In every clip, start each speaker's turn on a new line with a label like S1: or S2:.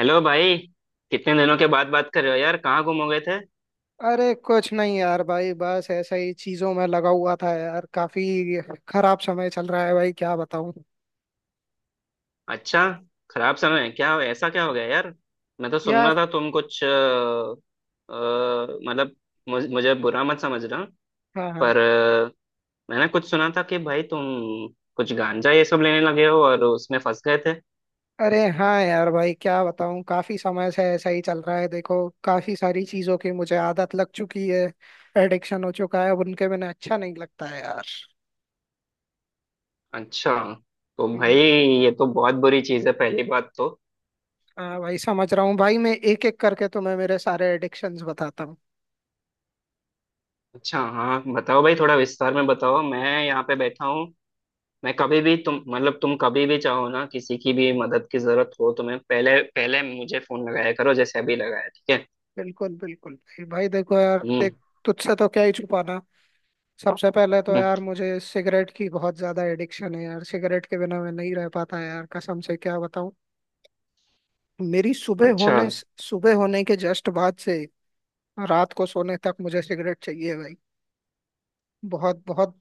S1: Hello भाई। कितने दिनों के बाद बात कर रहे हो यार, कहाँ गुम हो गए थे?
S2: अरे कुछ नहीं यार भाई बस ऐसा ही चीजों में लगा हुआ था यार। काफी खराब समय चल रहा है भाई क्या बताऊं।
S1: अच्छा, खराब समय है क्या? ऐसा क्या हो गया यार? मैं तो सुन रहा
S2: यार।
S1: था तुम कुछ मतलब मुझे बुरा मत समझना,
S2: हाँ हाँ।
S1: पर मैंने कुछ सुना था कि भाई तुम कुछ गांजा ये सब लेने लगे हो और उसमें फंस गए थे।
S2: अरे हाँ यार भाई क्या बताऊं। काफी समय से ऐसा ही चल रहा है। देखो काफी सारी चीजों की मुझे आदत लग चुकी है। एडिक्शन हो चुका है अब उनके बिना अच्छा नहीं लगता है यार।
S1: अच्छा, तो भाई
S2: हम्म।
S1: ये तो बहुत बुरी चीज़ है पहली बात तो।
S2: हाँ भाई समझ रहा हूँ भाई। मैं एक एक करके तुम्हें मेरे सारे एडिक्शंस बताता हूँ।
S1: अच्छा, हाँ बताओ भाई, थोड़ा विस्तार में बताओ, मैं यहाँ पे बैठा हूँ। मैं कभी भी तुम तुम कभी भी चाहो ना, किसी की भी मदद की जरूरत हो तो मैं पहले पहले मुझे फोन लगाया करो, जैसे अभी लगाया, ठीक है।
S2: बिल्कुल बिल्कुल भाई। भाई देखो यार
S1: हम्म
S2: देख, तुझसे तो क्या ही छुपाना। सबसे पहले तो
S1: हम्म।
S2: यार मुझे सिगरेट की बहुत ज्यादा एडिक्शन है यार। सिगरेट के बिना मैं नहीं रह पाता यार, कसम से क्या बताऊं। मेरी सुबह
S1: अच्छा।
S2: होने सुबह होने के जस्ट बाद से रात को सोने तक मुझे सिगरेट चाहिए भाई। बहुत बहुत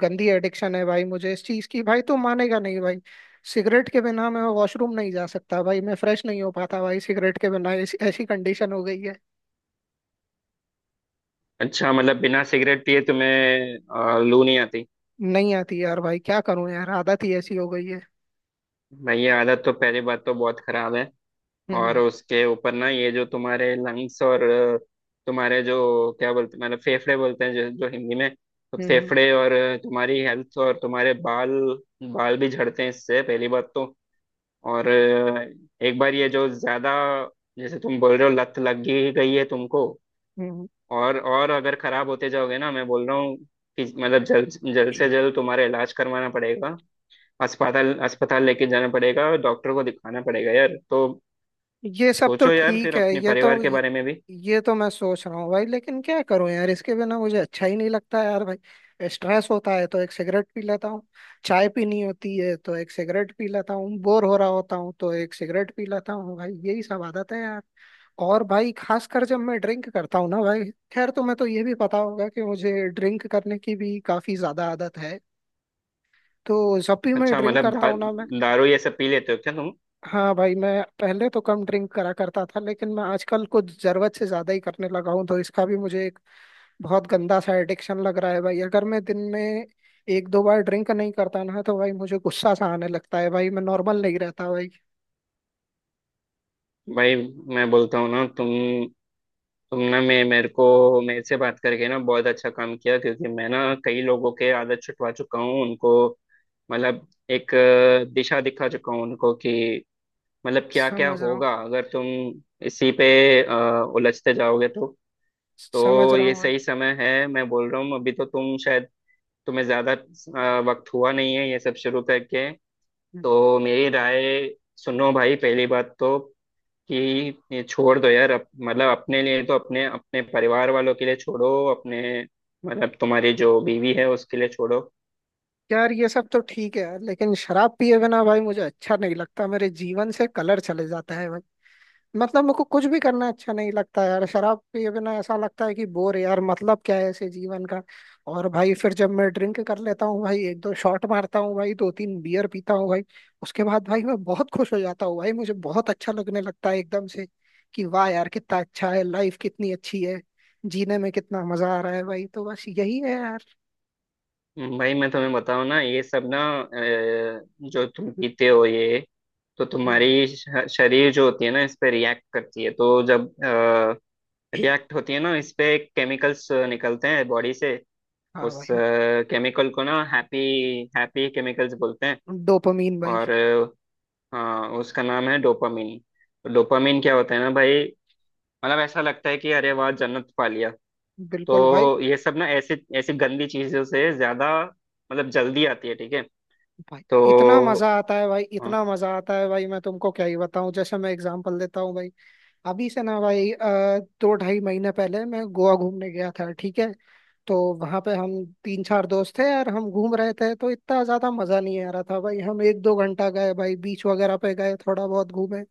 S2: गंदी एडिक्शन है भाई मुझे इस चीज की। भाई तो मानेगा नहीं भाई। सिगरेट के बिना मैं वॉशरूम नहीं जा सकता भाई, मैं फ्रेश नहीं हो पाता भाई। सिगरेट के बिना ऐसी ऐसी कंडीशन हो गई है।
S1: अच्छा मतलब बिना सिगरेट पिए तुम्हें लू नहीं आती।
S2: नहीं आती यार भाई, क्या करूं यार, आदत ही ऐसी हो गई है।
S1: भाई ये आदत तो पहली बात तो बहुत खराब है, और
S2: हम्म।
S1: उसके ऊपर ना ये जो तुम्हारे लंग्स और तुम्हारे जो क्या बोलते, मतलब फेफड़े बोलते हैं जो हिंदी में। तो
S2: हम्म।
S1: फेफड़े और तुम्हारी हेल्थ और तुम्हारे बाल, बाल भी झड़ते हैं इससे पहली बात तो। और एक बार ये जो ज्यादा, जैसे तुम बोल रहे हो लत लग ही गई है तुमको।
S2: हम्म।
S1: और अगर खराब होते जाओगे ना, मैं बोल रहा हूँ कि मतलब जल्द जल्द से जल्द तुम्हारा इलाज करवाना पड़ेगा, अस्पताल अस्पताल लेके जाना पड़ेगा और डॉक्टर को दिखाना पड़ेगा यार। तो
S2: ये सब तो
S1: सोचो यार फिर
S2: ठीक है।
S1: अपने परिवार के बारे में भी।
S2: ये तो मैं सोच रहा हूँ भाई, लेकिन क्या करूँ यार, इसके बिना मुझे अच्छा ही नहीं लगता यार। भाई स्ट्रेस होता है तो एक सिगरेट पी लेता हूँ, चाय पीनी होती है तो एक सिगरेट पी लेता हूँ, बोर हो रहा होता हूँ तो एक सिगरेट पी लेता हूँ भाई। यही सब आदत है यार। और भाई खासकर जब मैं ड्रिंक करता हूँ ना भाई। खैर, तुम्हें तो ये भी पता होगा कि मुझे ड्रिंक करने की भी काफी ज्यादा आदत है। तो जब भी मैं
S1: अच्छा
S2: ड्रिंक
S1: मतलब
S2: करता हूँ ना मैं।
S1: दारू ये सब पी लेते हो क्या तुम?
S2: हाँ भाई मैं पहले तो कम ड्रिंक करा करता था, लेकिन मैं आजकल कुछ जरूरत से ज्यादा ही करने लगा हूँ। तो इसका भी मुझे एक बहुत गंदा सा एडिक्शन लग रहा है भाई। अगर मैं दिन में एक दो बार ड्रिंक नहीं करता ना तो भाई मुझे गुस्सा सा आने लगता है भाई, मैं नॉर्मल नहीं रहता भाई।
S1: भाई मैं बोलता हूँ ना, तुम ना मैं मेरे को मेरे से बात करके ना बहुत अच्छा काम किया, क्योंकि मैं ना कई लोगों के आदत छुटवा चुका हूँ उनको, मतलब एक दिशा दिखा चुका हूँ उनको कि मतलब क्या क्या
S2: समझ रहा हूँ।
S1: होगा अगर तुम इसी पे उलझते जाओगे तो।
S2: समझ
S1: तो
S2: रहा
S1: ये
S2: हूँ भाई।
S1: सही समय है मैं बोल रहा हूँ, अभी तो तुम शायद, तुम्हें ज्यादा वक्त हुआ नहीं है ये सब शुरू करके।
S2: हम्म।
S1: तो मेरी राय सुनो भाई, पहली बात तो कि ये छोड़ दो यार, मतलब अपने लिए तो अपने, अपने परिवार वालों के लिए छोड़ो, अपने मतलब तुम्हारी जो बीवी है उसके लिए छोड़ो।
S2: यार ये सब तो ठीक है यार, लेकिन शराब पिए बिना भाई मुझे अच्छा नहीं लगता, मेरे जीवन से कलर चले जाता है। मतलब मुझको कुछ भी करना अच्छा नहीं लगता यार शराब पिए बिना। ऐसा लगता है कि बोर यार, मतलब क्या है ऐसे जीवन का। और भाई फिर जब मैं ड्रिंक कर लेता हूँ भाई, एक दो शॉट मारता हूँ भाई, दो तीन बियर पीता हूँ भाई, उसके बाद भाई मैं बहुत खुश हो जाता हूँ भाई। मुझे बहुत अच्छा लगने लगता है एकदम से कि वाह यार कितना अच्छा है, लाइफ कितनी अच्छी है, जीने में कितना मजा आ रहा है भाई। तो बस यही है यार।
S1: भाई मैं तुम्हें बताऊं ना, ये सब ना जो तुम पीते हो ये तो
S2: हम्म।
S1: तुम्हारी शरीर जो होती है ना इस पे रिएक्ट करती है, तो जब रिएक्ट होती है ना इस पे केमिकल्स निकलते हैं बॉडी से।
S2: हाँ
S1: उस
S2: भाई,
S1: केमिकल को ना हैप्पी, हैप्पी केमिकल्स बोलते हैं।
S2: डोपामीन भाई।
S1: और हाँ उसका नाम है डोपामिन। तो डोपामिन क्या होता है ना भाई, मतलब ऐसा लगता है कि अरे वाह जन्नत पा लिया।
S2: बिल्कुल भाई।
S1: तो ये सब ना ऐसी ऐसी गंदी चीजों से ज्यादा मतलब जल्दी आती है, ठीक है।
S2: भाई इतना मजा
S1: तो
S2: आता है भाई,
S1: हाँ,
S2: इतना मजा आता है भाई, मैं तुमको क्या ही बताऊं। जैसे मैं एग्जांपल देता हूँ भाई, अभी से ना भाई दो ढाई महीने पहले मैं गोवा घूमने गया था, ठीक है। तो वहां पे हम तीन चार दोस्त थे यार, हम घूम रहे थे तो इतना ज्यादा मजा नहीं आ रहा था भाई। हम एक दो घंटा गए भाई, बीच वगैरह पे गए, थोड़ा बहुत घूमे,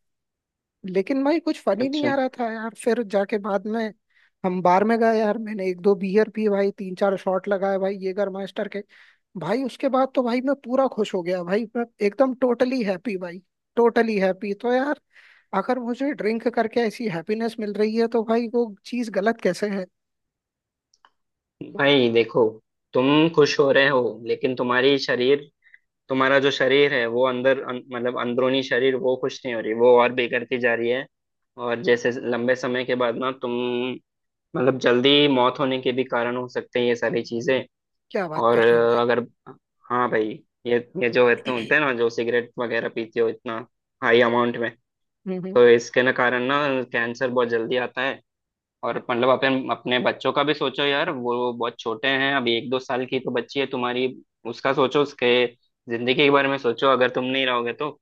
S2: लेकिन भाई कुछ फनी नहीं
S1: अच्छा।
S2: आ रहा था यार। फिर जाके बाद में हम बार में गए यार, मैंने एक दो बियर पी भाई, तीन चार शॉट लगाए भाई येगर मास्टर के। भाई उसके बाद तो भाई मैं पूरा खुश हो गया भाई, मैं एकदम टोटली हैप्पी भाई, टोटली हैप्पी। तो यार अगर मुझे ड्रिंक करके ऐसी हैप्पीनेस मिल रही है तो भाई वो चीज गलत कैसे है।
S1: भाई देखो, तुम खुश हो रहे हो लेकिन तुम्हारी शरीर, तुम्हारा जो शरीर है वो अंदर मतलब अंदरूनी शरीर वो खुश नहीं हो रही, वो और बिगड़ती जा रही है। और जैसे लंबे समय के बाद ना तुम, मतलब जल्दी मौत होने के भी कारण हो सकते हैं ये सारी चीजें।
S2: क्या बात
S1: और
S2: कर रहे हो भाई।
S1: अगर हाँ भाई, ये ये जो होते होते हैं ना, जो सिगरेट वगैरह पीते हो इतना हाई अमाउंट में,
S2: हम्म हम्म।
S1: तो इसके ना कारण ना कैंसर बहुत जल्दी आता है। और मतलब अपने बच्चों का भी सोचो यार, वो बहुत छोटे हैं अभी, एक दो साल की तो बच्ची है तुम्हारी। उसका सोचो, उसके जिंदगी के बारे में सोचो, अगर तुम नहीं रहोगे तो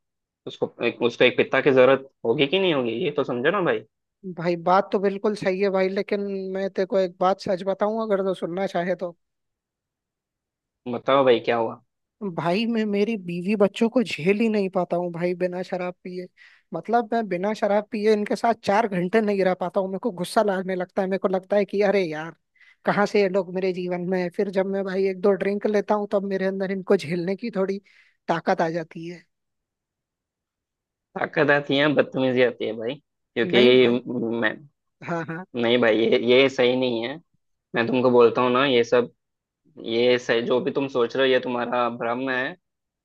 S1: उसको एक पिता की जरूरत होगी कि नहीं होगी, ये तो समझो ना भाई।
S2: भाई बात तो बिल्कुल सही है भाई, लेकिन मैं तेरे को एक बात सच बताऊं अगर तो, सुनना चाहे तो।
S1: बताओ भाई क्या हुआ?
S2: भाई मैं मेरी बीवी बच्चों को झेल ही नहीं पाता हूँ भाई बिना शराब पिए। मतलब मैं बिना शराब पिए इनके साथ 4 घंटे नहीं रह पाता हूँ, मेरे को गुस्सा लगने लगता है, मेरे को लगता है कि अरे यार कहाँ से ये लोग मेरे जीवन में है। फिर जब मैं भाई एक दो ड्रिंक लेता हूँ तब मेरे अंदर इनको झेलने की थोड़ी ताकत आ जाती है।
S1: ताकत आती है, बदतमीजी आती है भाई।
S2: नहीं
S1: क्योंकि
S2: भाई।
S1: मैं,
S2: हाँ हाँ।
S1: नहीं भाई ये सही नहीं है। मैं तुमको बोलता हूँ ना ये सब, ये सही, जो भी तुम सोच रहे हो ये तुम्हारा भ्रम है।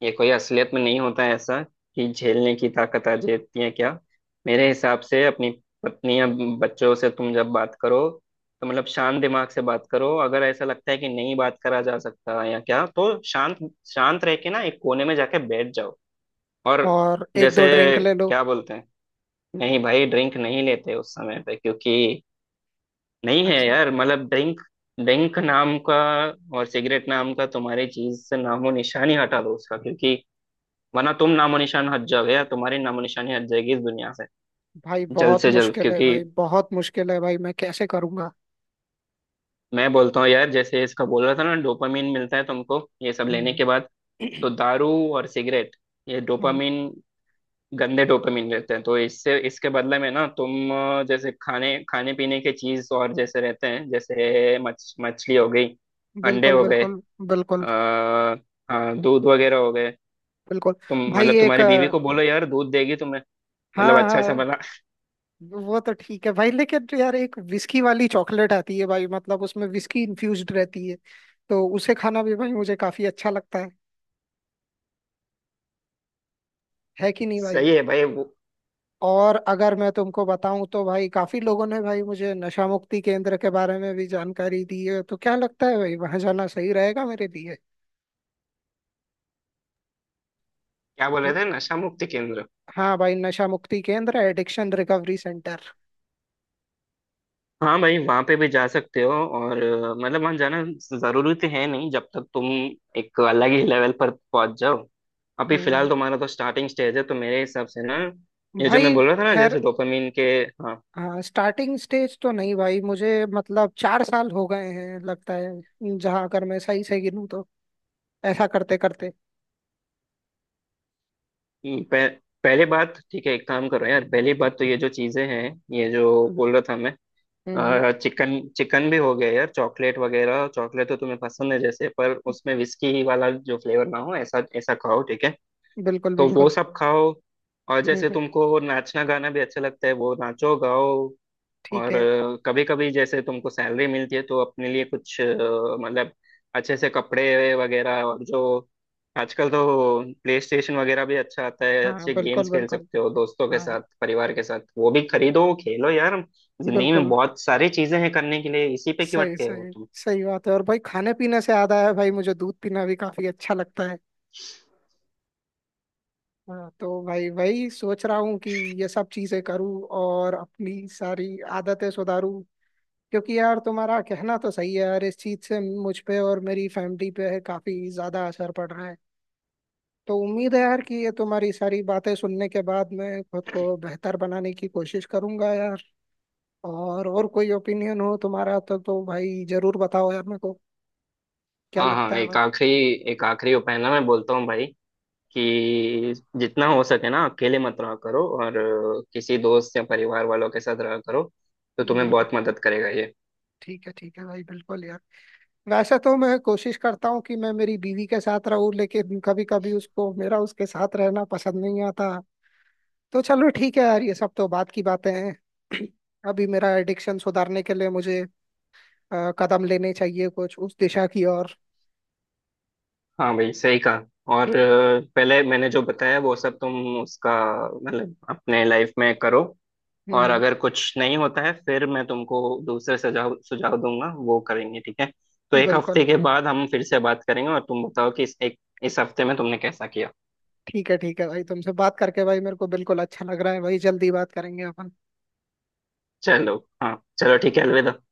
S1: ये कोई असलियत में नहीं होता है ऐसा कि झेलने की ताकत आ जाती है क्या। मेरे हिसाब से अपनी पत्नी या बच्चों से तुम जब बात करो तो मतलब शांत दिमाग से बात करो, अगर ऐसा लगता है कि नहीं बात करा जा सकता या क्या, तो शांत शांत रह के ना एक कोने में जाके बैठ जाओ। और
S2: और एक
S1: जैसे
S2: दो ड्रिंक ले लो।
S1: क्या बोलते हैं, नहीं भाई ड्रिंक नहीं लेते उस समय पे, क्योंकि नहीं है
S2: अच्छा।
S1: यार मतलब ड्रिंक ड्रिंक नाम का और सिगरेट नाम का तुम्हारी चीज से नामो निशान ही हटा दो उसका, क्योंकि वरना तुम नामो निशान हट जाओगे या तुम्हारी नामो निशानी हट जाएगी इस दुनिया से।
S2: भाई
S1: जल्द
S2: बहुत
S1: से जल्द,
S2: मुश्किल है
S1: क्योंकि
S2: भाई, बहुत मुश्किल है भाई, मैं कैसे करूँगा।
S1: मैं बोलता हूँ यार, जैसे इसका बोल रहा था ना डोपामिन मिलता है तुमको ये सब लेने
S2: हम्म।
S1: के बाद, तो दारू और सिगरेट ये डोपामिन, गंदे डोपामिन रहते हैं। तो इससे इसके बदले में ना तुम जैसे खाने खाने पीने के चीज और जैसे रहते हैं, जैसे मछ मछली हो गई, अंडे
S2: बिल्कुल
S1: हो गए,
S2: बिल्कुल। बिल्कुल
S1: आ, हाँ दूध वगैरह हो गए।
S2: बिल्कुल।
S1: तुम
S2: भाई
S1: मतलब
S2: एक,
S1: तुम्हारी बीवी को बोलो यार दूध देगी तुम्हें, मतलब
S2: हाँ
S1: अच्छा सा
S2: हाँ,
S1: बना।
S2: वो तो ठीक है भाई। लेकिन तो यार एक विस्की वाली चॉकलेट आती है भाई, मतलब उसमें विस्की इन्फ्यूज्ड रहती है। तो उसे खाना भी भाई मुझे काफी अच्छा लगता है। है कि नहीं भाई।
S1: सही है भाई वो।
S2: और अगर मैं तुमको बताऊं तो भाई काफी लोगों ने भाई मुझे नशा मुक्ति केंद्र के बारे में भी जानकारी दी है। तो क्या लगता है भाई, वहां जाना सही रहेगा मेरे लिए।
S1: क्या बोल रहे
S2: न-
S1: थे, नशा मुक्ति केंद्र?
S2: हाँ भाई, नशा मुक्ति केंद्र, एडिक्शन रिकवरी सेंटर।
S1: हाँ भाई वहाँ पे भी जा सकते हो, और मतलब वहाँ जाना जरूरी तो है नहीं जब तक तुम एक अलग ही लेवल पर पहुंच जाओ। अभी फिलहाल
S2: हम्म।
S1: तुम्हारा तो स्टार्टिंग स्टेज है, तो मेरे हिसाब से ना ये जो मैं
S2: भाई
S1: बोल रहा था ना,
S2: खैर।
S1: जैसे डोपामिन के। हाँ।
S2: हाँ, स्टार्टिंग स्टेज तो नहीं भाई मुझे। मतलब 4 साल हो गए हैं लगता है, जहाँ अगर मैं सही से गिनूँ तो ऐसा करते करते।
S1: पह, पहले बात, ठीक है एक काम करो यार, पहली बात तो ये जो चीजें हैं ये जो बोल रहा था मैं,
S2: हम्म।
S1: और चिकन चिकन भी हो गया यार, चॉकलेट तो तुम्हें पसंद है जैसे, पर उसमें विस्की वाला जो फ्लेवर ना हो ऐसा ऐसा खाओ, ठीक है।
S2: बिल्कुल
S1: तो वो
S2: बिल्कुल।
S1: सब खाओ, और जैसे
S2: हम्म।
S1: तुमको नाचना गाना भी अच्छा लगता है वो नाचो गाओ।
S2: ठीक
S1: और
S2: है।
S1: कभी कभी जैसे तुमको सैलरी मिलती है तो अपने लिए कुछ मतलब अच्छे से कपड़े वगैरह, और जो आजकल तो प्ले स्टेशन वगैरह भी अच्छा आता है,
S2: हाँ
S1: अच्छे
S2: बिल्कुल
S1: गेम्स खेल
S2: बिल्कुल।
S1: सकते हो दोस्तों के
S2: हाँ।
S1: साथ परिवार के साथ, वो भी खरीदो खेलो यार। जिंदगी में
S2: बिल्कुल।
S1: बहुत सारी चीजें हैं करने के लिए, इसी पे क्यों
S2: सही
S1: अटके हो
S2: सही।
S1: तुम।
S2: सही बात है। और भाई खाने पीने से याद आया भाई, मुझे दूध पीना भी काफी अच्छा लगता है। हाँ तो भाई वही सोच रहा हूँ कि ये सब चीजें करूँ और अपनी सारी आदतें सुधारूँ। क्योंकि यार तुम्हारा कहना तो सही है यार, इस चीज से मुझ पे और मेरी फैमिली पे काफी ज्यादा असर पड़ रहा है। तो उम्मीद है यार कि ये तुम्हारी सारी बातें सुनने के बाद मैं खुद को बेहतर बनाने की कोशिश करूंगा यार। और कोई ओपिनियन हो तुम्हारा तो भाई जरूर बताओ यार मेरे को, क्या
S1: हाँ हाँ,
S2: लगता है भाई।
S1: एक आखिरी उपाय ना मैं बोलता हूँ भाई, कि जितना हो सके ना अकेले मत रहा करो, और किसी दोस्त या परिवार वालों के साथ रहा करो तो तुम्हें
S2: बिल्कुल।
S1: बहुत मदद करेगा ये।
S2: ठीक है भाई, बिल्कुल यार। वैसे तो मैं कोशिश करता हूँ कि मैं मेरी बीवी के साथ रहूं, लेकिन कभी कभी उसको मेरा उसके साथ रहना पसंद नहीं आता। तो चलो ठीक है यार, ये सब तो बात की बातें हैं। अभी मेरा एडिक्शन सुधारने के लिए मुझे कदम लेने चाहिए कुछ उस दिशा की ओर।
S1: हाँ भाई सही कहा। और पहले मैंने जो बताया वो सब तुम उसका मतलब अपने लाइफ में करो, और
S2: हम्म।
S1: अगर कुछ नहीं होता है फिर मैं तुमको दूसरे सुझाव सुझाव दूंगा, वो करेंगे ठीक है। तो एक हफ्ते
S2: बिल्कुल।
S1: के बाद हम फिर से बात करेंगे और तुम बताओ कि इस हफ्ते में तुमने कैसा किया।
S2: ठीक है भाई, तुमसे बात करके भाई मेरे को बिल्कुल अच्छा लग रहा है भाई। जल्दी बात करेंगे अपन।
S1: चलो, हाँ चलो ठीक है, अलविदा।